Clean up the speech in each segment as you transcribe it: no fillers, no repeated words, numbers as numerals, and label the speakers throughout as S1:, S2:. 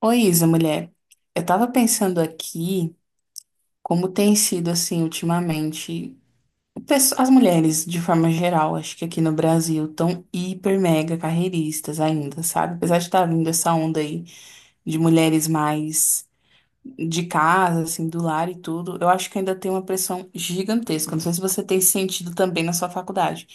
S1: Oi, Isa, mulher. Eu tava pensando aqui como tem sido assim ultimamente. As mulheres, de forma geral, acho que aqui no Brasil, tão hiper mega carreiristas ainda, sabe? Apesar de estar vindo essa onda aí de mulheres mais de casa, assim, do lar e tudo, eu acho que ainda tem uma pressão gigantesca. Não sei se você tem sentido também na sua faculdade.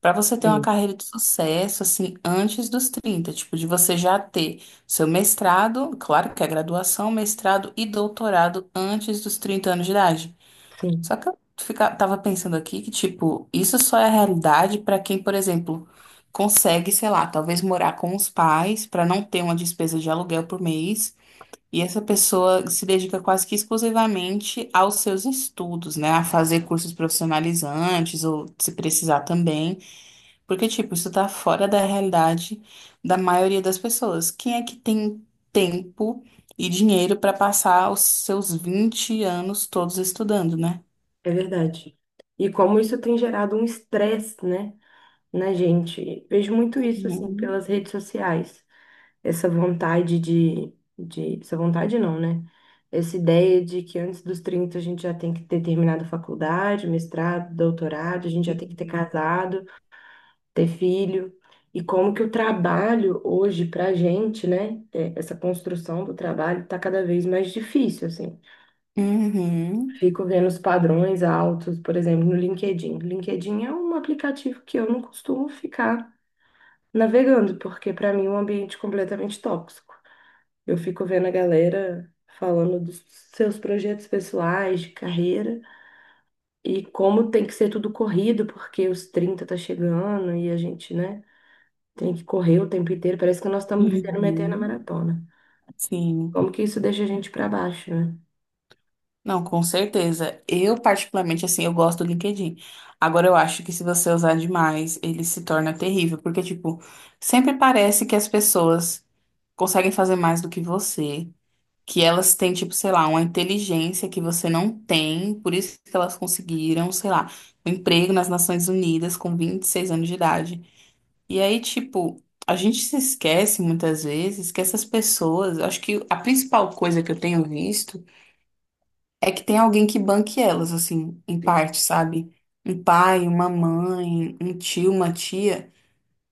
S1: Para você ter uma
S2: Sim,
S1: carreira de sucesso, assim, antes dos 30 tipo, de você já ter seu mestrado, claro que é graduação, mestrado e doutorado antes dos 30 anos de idade.
S2: sim,
S1: Só que eu fica, tava pensando aqui que, tipo, isso só é a realidade para quem, por exemplo, consegue, sei lá, talvez morar com os pais para não ter uma despesa de aluguel por mês e essa pessoa se dedica quase que exclusivamente aos seus estudos, né? A fazer cursos profissionalizantes ou se precisar também, porque, tipo, isso tá fora da realidade da maioria das pessoas. Quem é que tem tempo e dinheiro para passar os seus 20 anos todos estudando, né?
S2: é verdade. E como isso tem gerado um estresse, né, na gente. Vejo muito isso, assim,
S1: Uhum.
S2: pelas redes sociais. Essa vontade de, Essa vontade não, né? Essa ideia de que antes dos 30 a gente já tem que ter terminado faculdade, mestrado, doutorado, a gente já tem que ter
S1: Sim.
S2: casado, ter filho. E como que o trabalho hoje pra gente, né, essa construção do trabalho tá cada vez mais difícil, assim.
S1: Uhum,
S2: Fico vendo os padrões altos, por exemplo, no LinkedIn. LinkedIn é um aplicativo que eu não costumo ficar navegando, porque para mim é um ambiente completamente tóxico. Eu fico vendo a galera falando dos seus projetos pessoais, de carreira, e como tem que ser tudo corrido, porque os 30 tá chegando e a gente, né, tem que correr o tempo inteiro. Parece que nós estamos vivendo uma eterna
S1: uhum,
S2: maratona.
S1: sim.
S2: Como que isso deixa a gente para baixo, né?
S1: Não, com certeza. Eu, particularmente, assim, eu gosto do LinkedIn. Agora, eu acho que se você usar demais, ele se torna terrível, porque, tipo, sempre parece que as pessoas conseguem fazer mais do que você, que elas têm, tipo, sei lá, uma inteligência que você não tem, por isso que elas conseguiram, sei lá, um emprego nas Nações Unidas com 26 anos de idade. E aí, tipo, a gente se esquece muitas vezes que essas pessoas, acho que a principal coisa que eu tenho visto. É que tem alguém que banque elas, assim, em
S2: Sim.
S1: parte, sabe? Um pai, uma mãe, um tio, uma tia,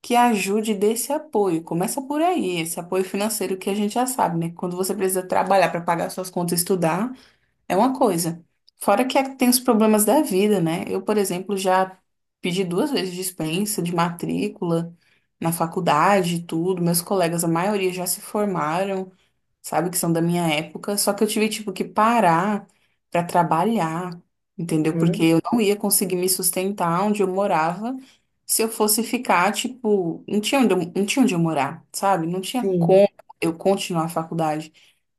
S1: que ajude e dê esse apoio. Começa por aí, esse apoio financeiro que a gente já sabe, né? Quando você precisa trabalhar para pagar suas contas e estudar, é uma coisa. Tem os problemas da vida, né? Eu, por exemplo, já pedi duas vezes dispensa de matrícula na faculdade e tudo. Meus colegas, a maioria já se formaram sabe? Que são da minha época. Só que eu tive, tipo, que parar pra trabalhar, entendeu? Porque
S2: Uhum.
S1: eu não ia conseguir me sustentar onde eu morava se eu fosse ficar, tipo, não tinha onde eu morar, sabe? Não tinha
S2: Sim.
S1: como eu continuar a faculdade.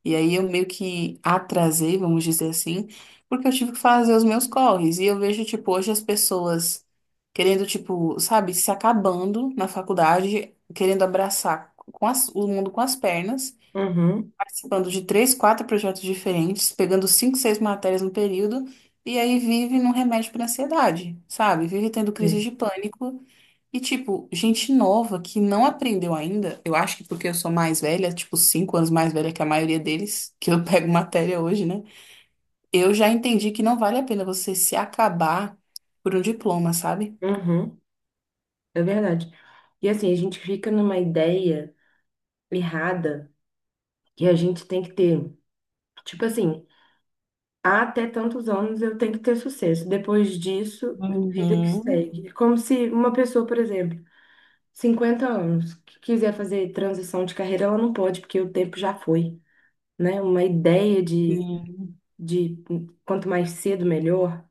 S1: E aí eu meio que atrasei, vamos dizer assim, porque eu tive que fazer os meus corres. E eu vejo, tipo, hoje as pessoas querendo, tipo, sabe, se acabando na faculdade, querendo abraçar o mundo com as pernas
S2: Uhum.
S1: participando de três, quatro projetos diferentes, pegando cinco, seis matérias no período, e aí vive num remédio para ansiedade, sabe? Vive tendo crise
S2: Sim.
S1: de pânico. E, tipo, gente nova que não aprendeu ainda, eu acho que porque eu sou mais velha, tipo, 5 anos mais velha que a maioria deles, que eu pego matéria hoje, né? Eu já entendi que não vale a pena você se acabar por um diploma, sabe?
S2: Uhum. É verdade. E assim, a gente fica numa ideia errada que a gente tem que ter. Tipo assim, "Ah, até tantos anos eu tenho que ter sucesso. Depois disso, vida que
S1: Uhum.
S2: segue." É como se uma pessoa, por exemplo, 50 anos, que quiser fazer transição de carreira, ela não pode, porque o tempo já foi, né? Uma ideia de, de quanto mais cedo, melhor,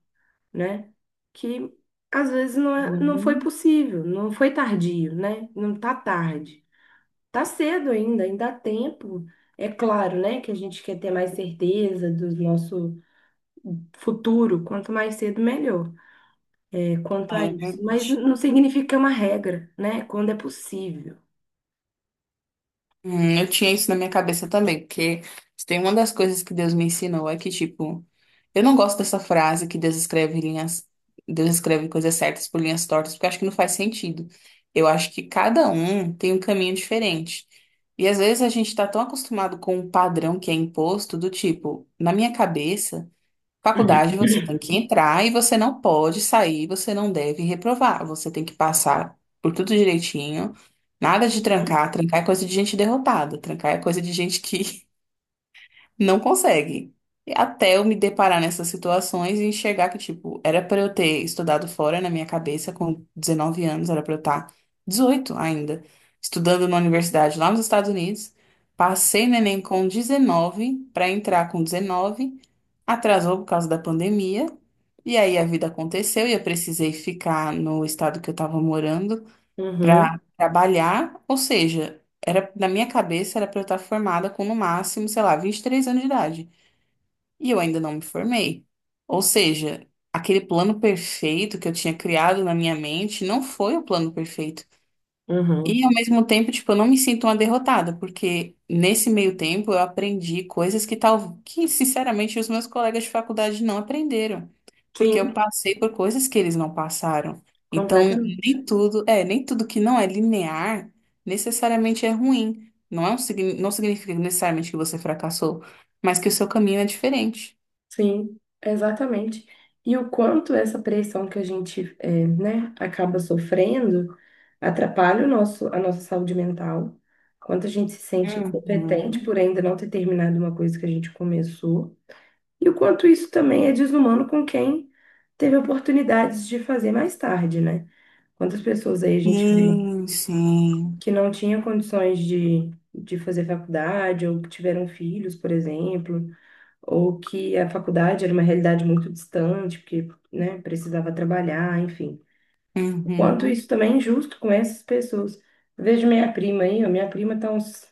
S2: né? Que às vezes não foi
S1: Uhum.
S2: possível, não foi tardio, né? Não tá tarde. Tá cedo ainda, ainda há tempo. É claro, né, que a gente quer ter mais certeza do nosso futuro, quanto mais cedo, melhor. É, quanto a
S1: É
S2: isso. Mas
S1: verdade.
S2: não significa que é uma regra, né? Quando é possível.
S1: Eu tinha isso na minha cabeça também, porque se tem uma das coisas que Deus me ensinou é que, tipo, eu não gosto dessa frase que Deus escreve linhas, Deus escreve coisas certas por linhas tortas, porque eu acho que não faz sentido. Eu acho que cada um tem um caminho diferente. E às vezes a gente tá tão acostumado com um padrão que é imposto, do tipo, na minha cabeça. Faculdade você tem que entrar e você não pode sair, você não deve reprovar. Você tem que passar por tudo direitinho. Nada de trancar. Trancar é coisa de gente derrotada. Trancar é coisa de gente que não consegue. E até eu me deparar nessas situações e enxergar que, tipo, era pra eu ter estudado fora na minha cabeça com 19 anos, era pra eu estar 18 ainda, estudando numa universidade lá nos Estados Unidos. Passei no Enem com 19 pra entrar com 19. Atrasou por causa da pandemia. E aí a vida aconteceu e eu precisei ficar no estado que eu estava morando para
S2: Uhum,
S1: trabalhar. Ou seja, era na minha cabeça era para eu estar formada com no máximo, sei lá, 23 anos de idade. E eu ainda não me formei. Ou seja, aquele plano perfeito que eu tinha criado na minha mente não foi o plano perfeito.
S2: uhum.
S1: E ao mesmo tempo, tipo, eu não me sinto uma derrotada, porque nesse meio tempo eu aprendi coisas que tal que sinceramente os meus colegas de faculdade não aprenderam, porque eu
S2: Sim,
S1: passei por coisas que eles não passaram. Então,
S2: completamente.
S1: nem tudo que não é linear necessariamente é ruim. Não significa necessariamente que você fracassou, mas que o seu caminho é diferente.
S2: Sim, exatamente. E o quanto essa pressão que a gente, né, acaba sofrendo atrapalha a nossa saúde mental. Quanto a gente se sente incompetente
S1: Uhum.
S2: por ainda não ter terminado uma coisa que a gente começou. E o quanto isso também é desumano com quem teve oportunidades de fazer mais tarde, né? Quantas pessoas aí a gente vê
S1: Sim, sim.
S2: que não tinham condições de fazer faculdade, ou que tiveram filhos, por exemplo, ou que a faculdade era uma realidade muito distante, porque, né, precisava trabalhar, enfim. O quanto
S1: Uhum.
S2: isso também é injusto com essas pessoas. Eu vejo minha prima aí, ó, minha prima está uns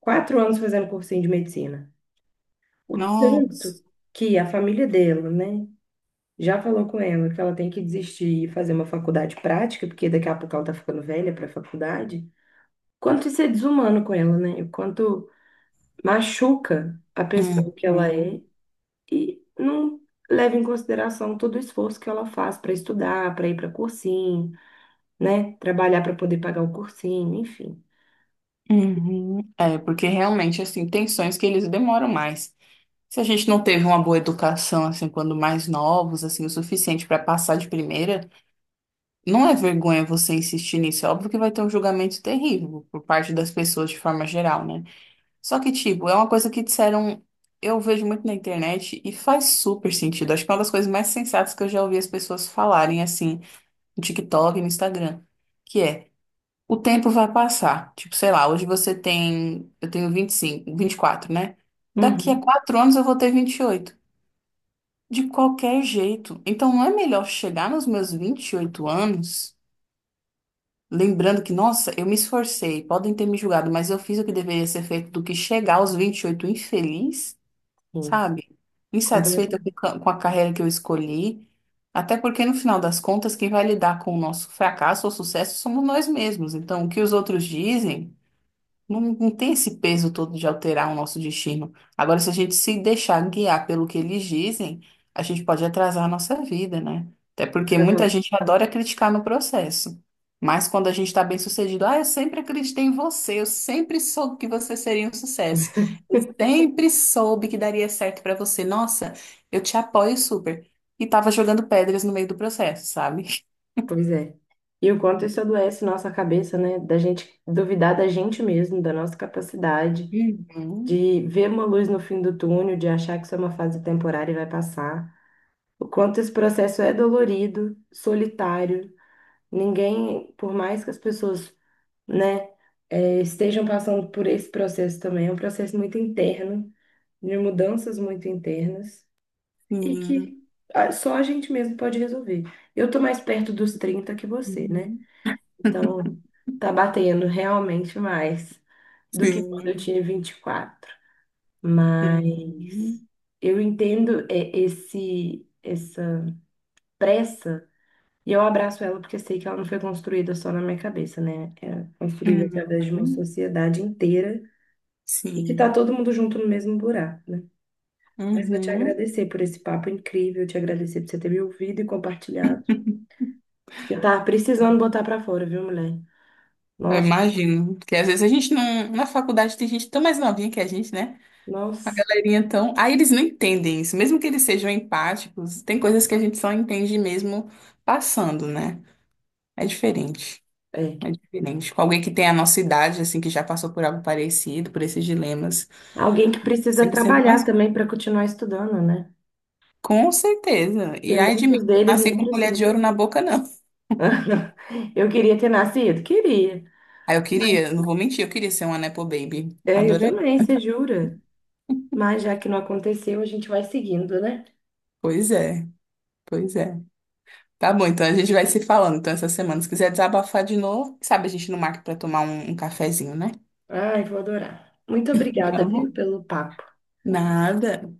S2: 4 anos fazendo cursinho de medicina. O tanto
S1: Nossa.
S2: que a família dela, né? Já falou com ela que ela tem que desistir e fazer uma faculdade prática, porque daqui a pouco ela tá ficando velha para faculdade. Quanto isso é desumano com ela, né? O quanto machuca a pessoa que ela
S1: Uhum.
S2: é e não leva em consideração todo o esforço que ela faz para estudar, para ir para cursinho, né? Trabalhar para poder pagar o cursinho, enfim.
S1: Uhum. É, porque realmente, assim, tem sonhos que eles demoram mais. Se a gente não teve uma boa educação, assim, quando mais novos, assim, o suficiente para passar de primeira, não é vergonha você insistir nisso. É óbvio que vai ter um julgamento terrível por parte das pessoas de forma geral, né? Só que, tipo, é uma coisa que disseram, eu vejo muito na internet e faz super sentido. Acho que é uma das coisas mais sensatas que eu já ouvi as pessoas falarem, assim, no TikTok e no Instagram. Que é o tempo vai passar. Tipo, sei lá, hoje você tem. Eu tenho 25, 24, né? Daqui a
S2: Uhum,
S1: quatro anos eu vou ter 28. De qualquer jeito. Então não é melhor chegar nos meus 28 anos, lembrando que, nossa, eu me esforcei, podem ter me julgado, mas eu fiz o que deveria ser feito, do que chegar aos 28 infeliz,
S2: sim,
S1: sabe? Insatisfeita
S2: completamente.
S1: com a carreira que eu escolhi. Até porque, no final das contas, quem vai lidar com o nosso fracasso ou sucesso somos nós mesmos. Então, o que os outros dizem. Não tem esse peso todo de alterar o nosso destino. Agora, se a gente se deixar guiar pelo que eles dizem, a gente pode atrasar a nossa vida, né? Até porque muita
S2: Atrasando-
S1: gente adora criticar no processo. Mas quando a gente está bem sucedido, ah, eu sempre acreditei em você, eu sempre soube que você seria um sucesso. Eu sempre soube que daria certo para você. Nossa, eu te apoio super. E tava jogando pedras no meio do processo, sabe?
S2: Pois é. E o quanto isso adoece nossa cabeça, né? Da gente duvidar da gente mesmo, da nossa capacidade. De ver uma luz no fim do túnel, de achar que isso é uma fase temporária e vai passar. O quanto esse processo é dolorido, solitário. Ninguém, por mais que as pessoas, né, estejam passando por esse processo também, é um processo muito interno, de mudanças muito internas, e
S1: Uhum. Sim.
S2: que só a gente mesmo pode resolver. Eu tô mais perto dos 30 que você, né?
S1: Uhum.
S2: Então, tá batendo realmente mais do que quando eu
S1: Sim.
S2: tinha 24. Mas
S1: Uhum.
S2: eu entendo esse essa pressa e eu abraço ela porque sei que ela não foi construída só na minha cabeça, né? É construída
S1: Uhum.
S2: através de uma sociedade inteira e que tá
S1: Sim.
S2: todo mundo junto no mesmo buraco, né? Mas vou te
S1: Uhum.
S2: agradecer por esse papo incrível, te agradecer por você ter me ouvido e compartilhado, porque eu tava precisando botar pra fora, viu, mulher?
S1: Eu
S2: Nossa,
S1: imagino. Porque às vezes a gente não. Na faculdade tem gente tão mais novinha que a gente, né? A
S2: nossa,
S1: galerinha tão. Aí eles não entendem isso. Mesmo que eles sejam empáticos, tem coisas que a gente só entende mesmo passando, né? É diferente.
S2: é.
S1: É diferente. Com alguém que tem a nossa idade, assim, que já passou por algo parecido, por esses dilemas,
S2: Alguém que precisa
S1: sempre sendo
S2: trabalhar
S1: mais.
S2: também para continuar estudando, né?
S1: Com certeza.
S2: Porque
S1: E ai de mim,
S2: muitos
S1: não
S2: deles
S1: nasci
S2: não
S1: com colher
S2: precisam.
S1: de ouro na boca, não.
S2: Eu queria ter nascido? Queria.
S1: Aí eu
S2: Mas-
S1: queria, não vou mentir, eu queria ser uma Nepo Baby.
S2: É, eu também, você jura? Mas já que não aconteceu, a gente vai seguindo, né?
S1: Pois é, pois é. Tá bom, então a gente vai se falando. Então, essa semana, se quiser desabafar de novo, sabe, a gente não marca pra tomar um cafezinho, né?
S2: Ai, vou adorar. Muito obrigada,
S1: Tá bom.
S2: viu, pelo papo.
S1: Nada.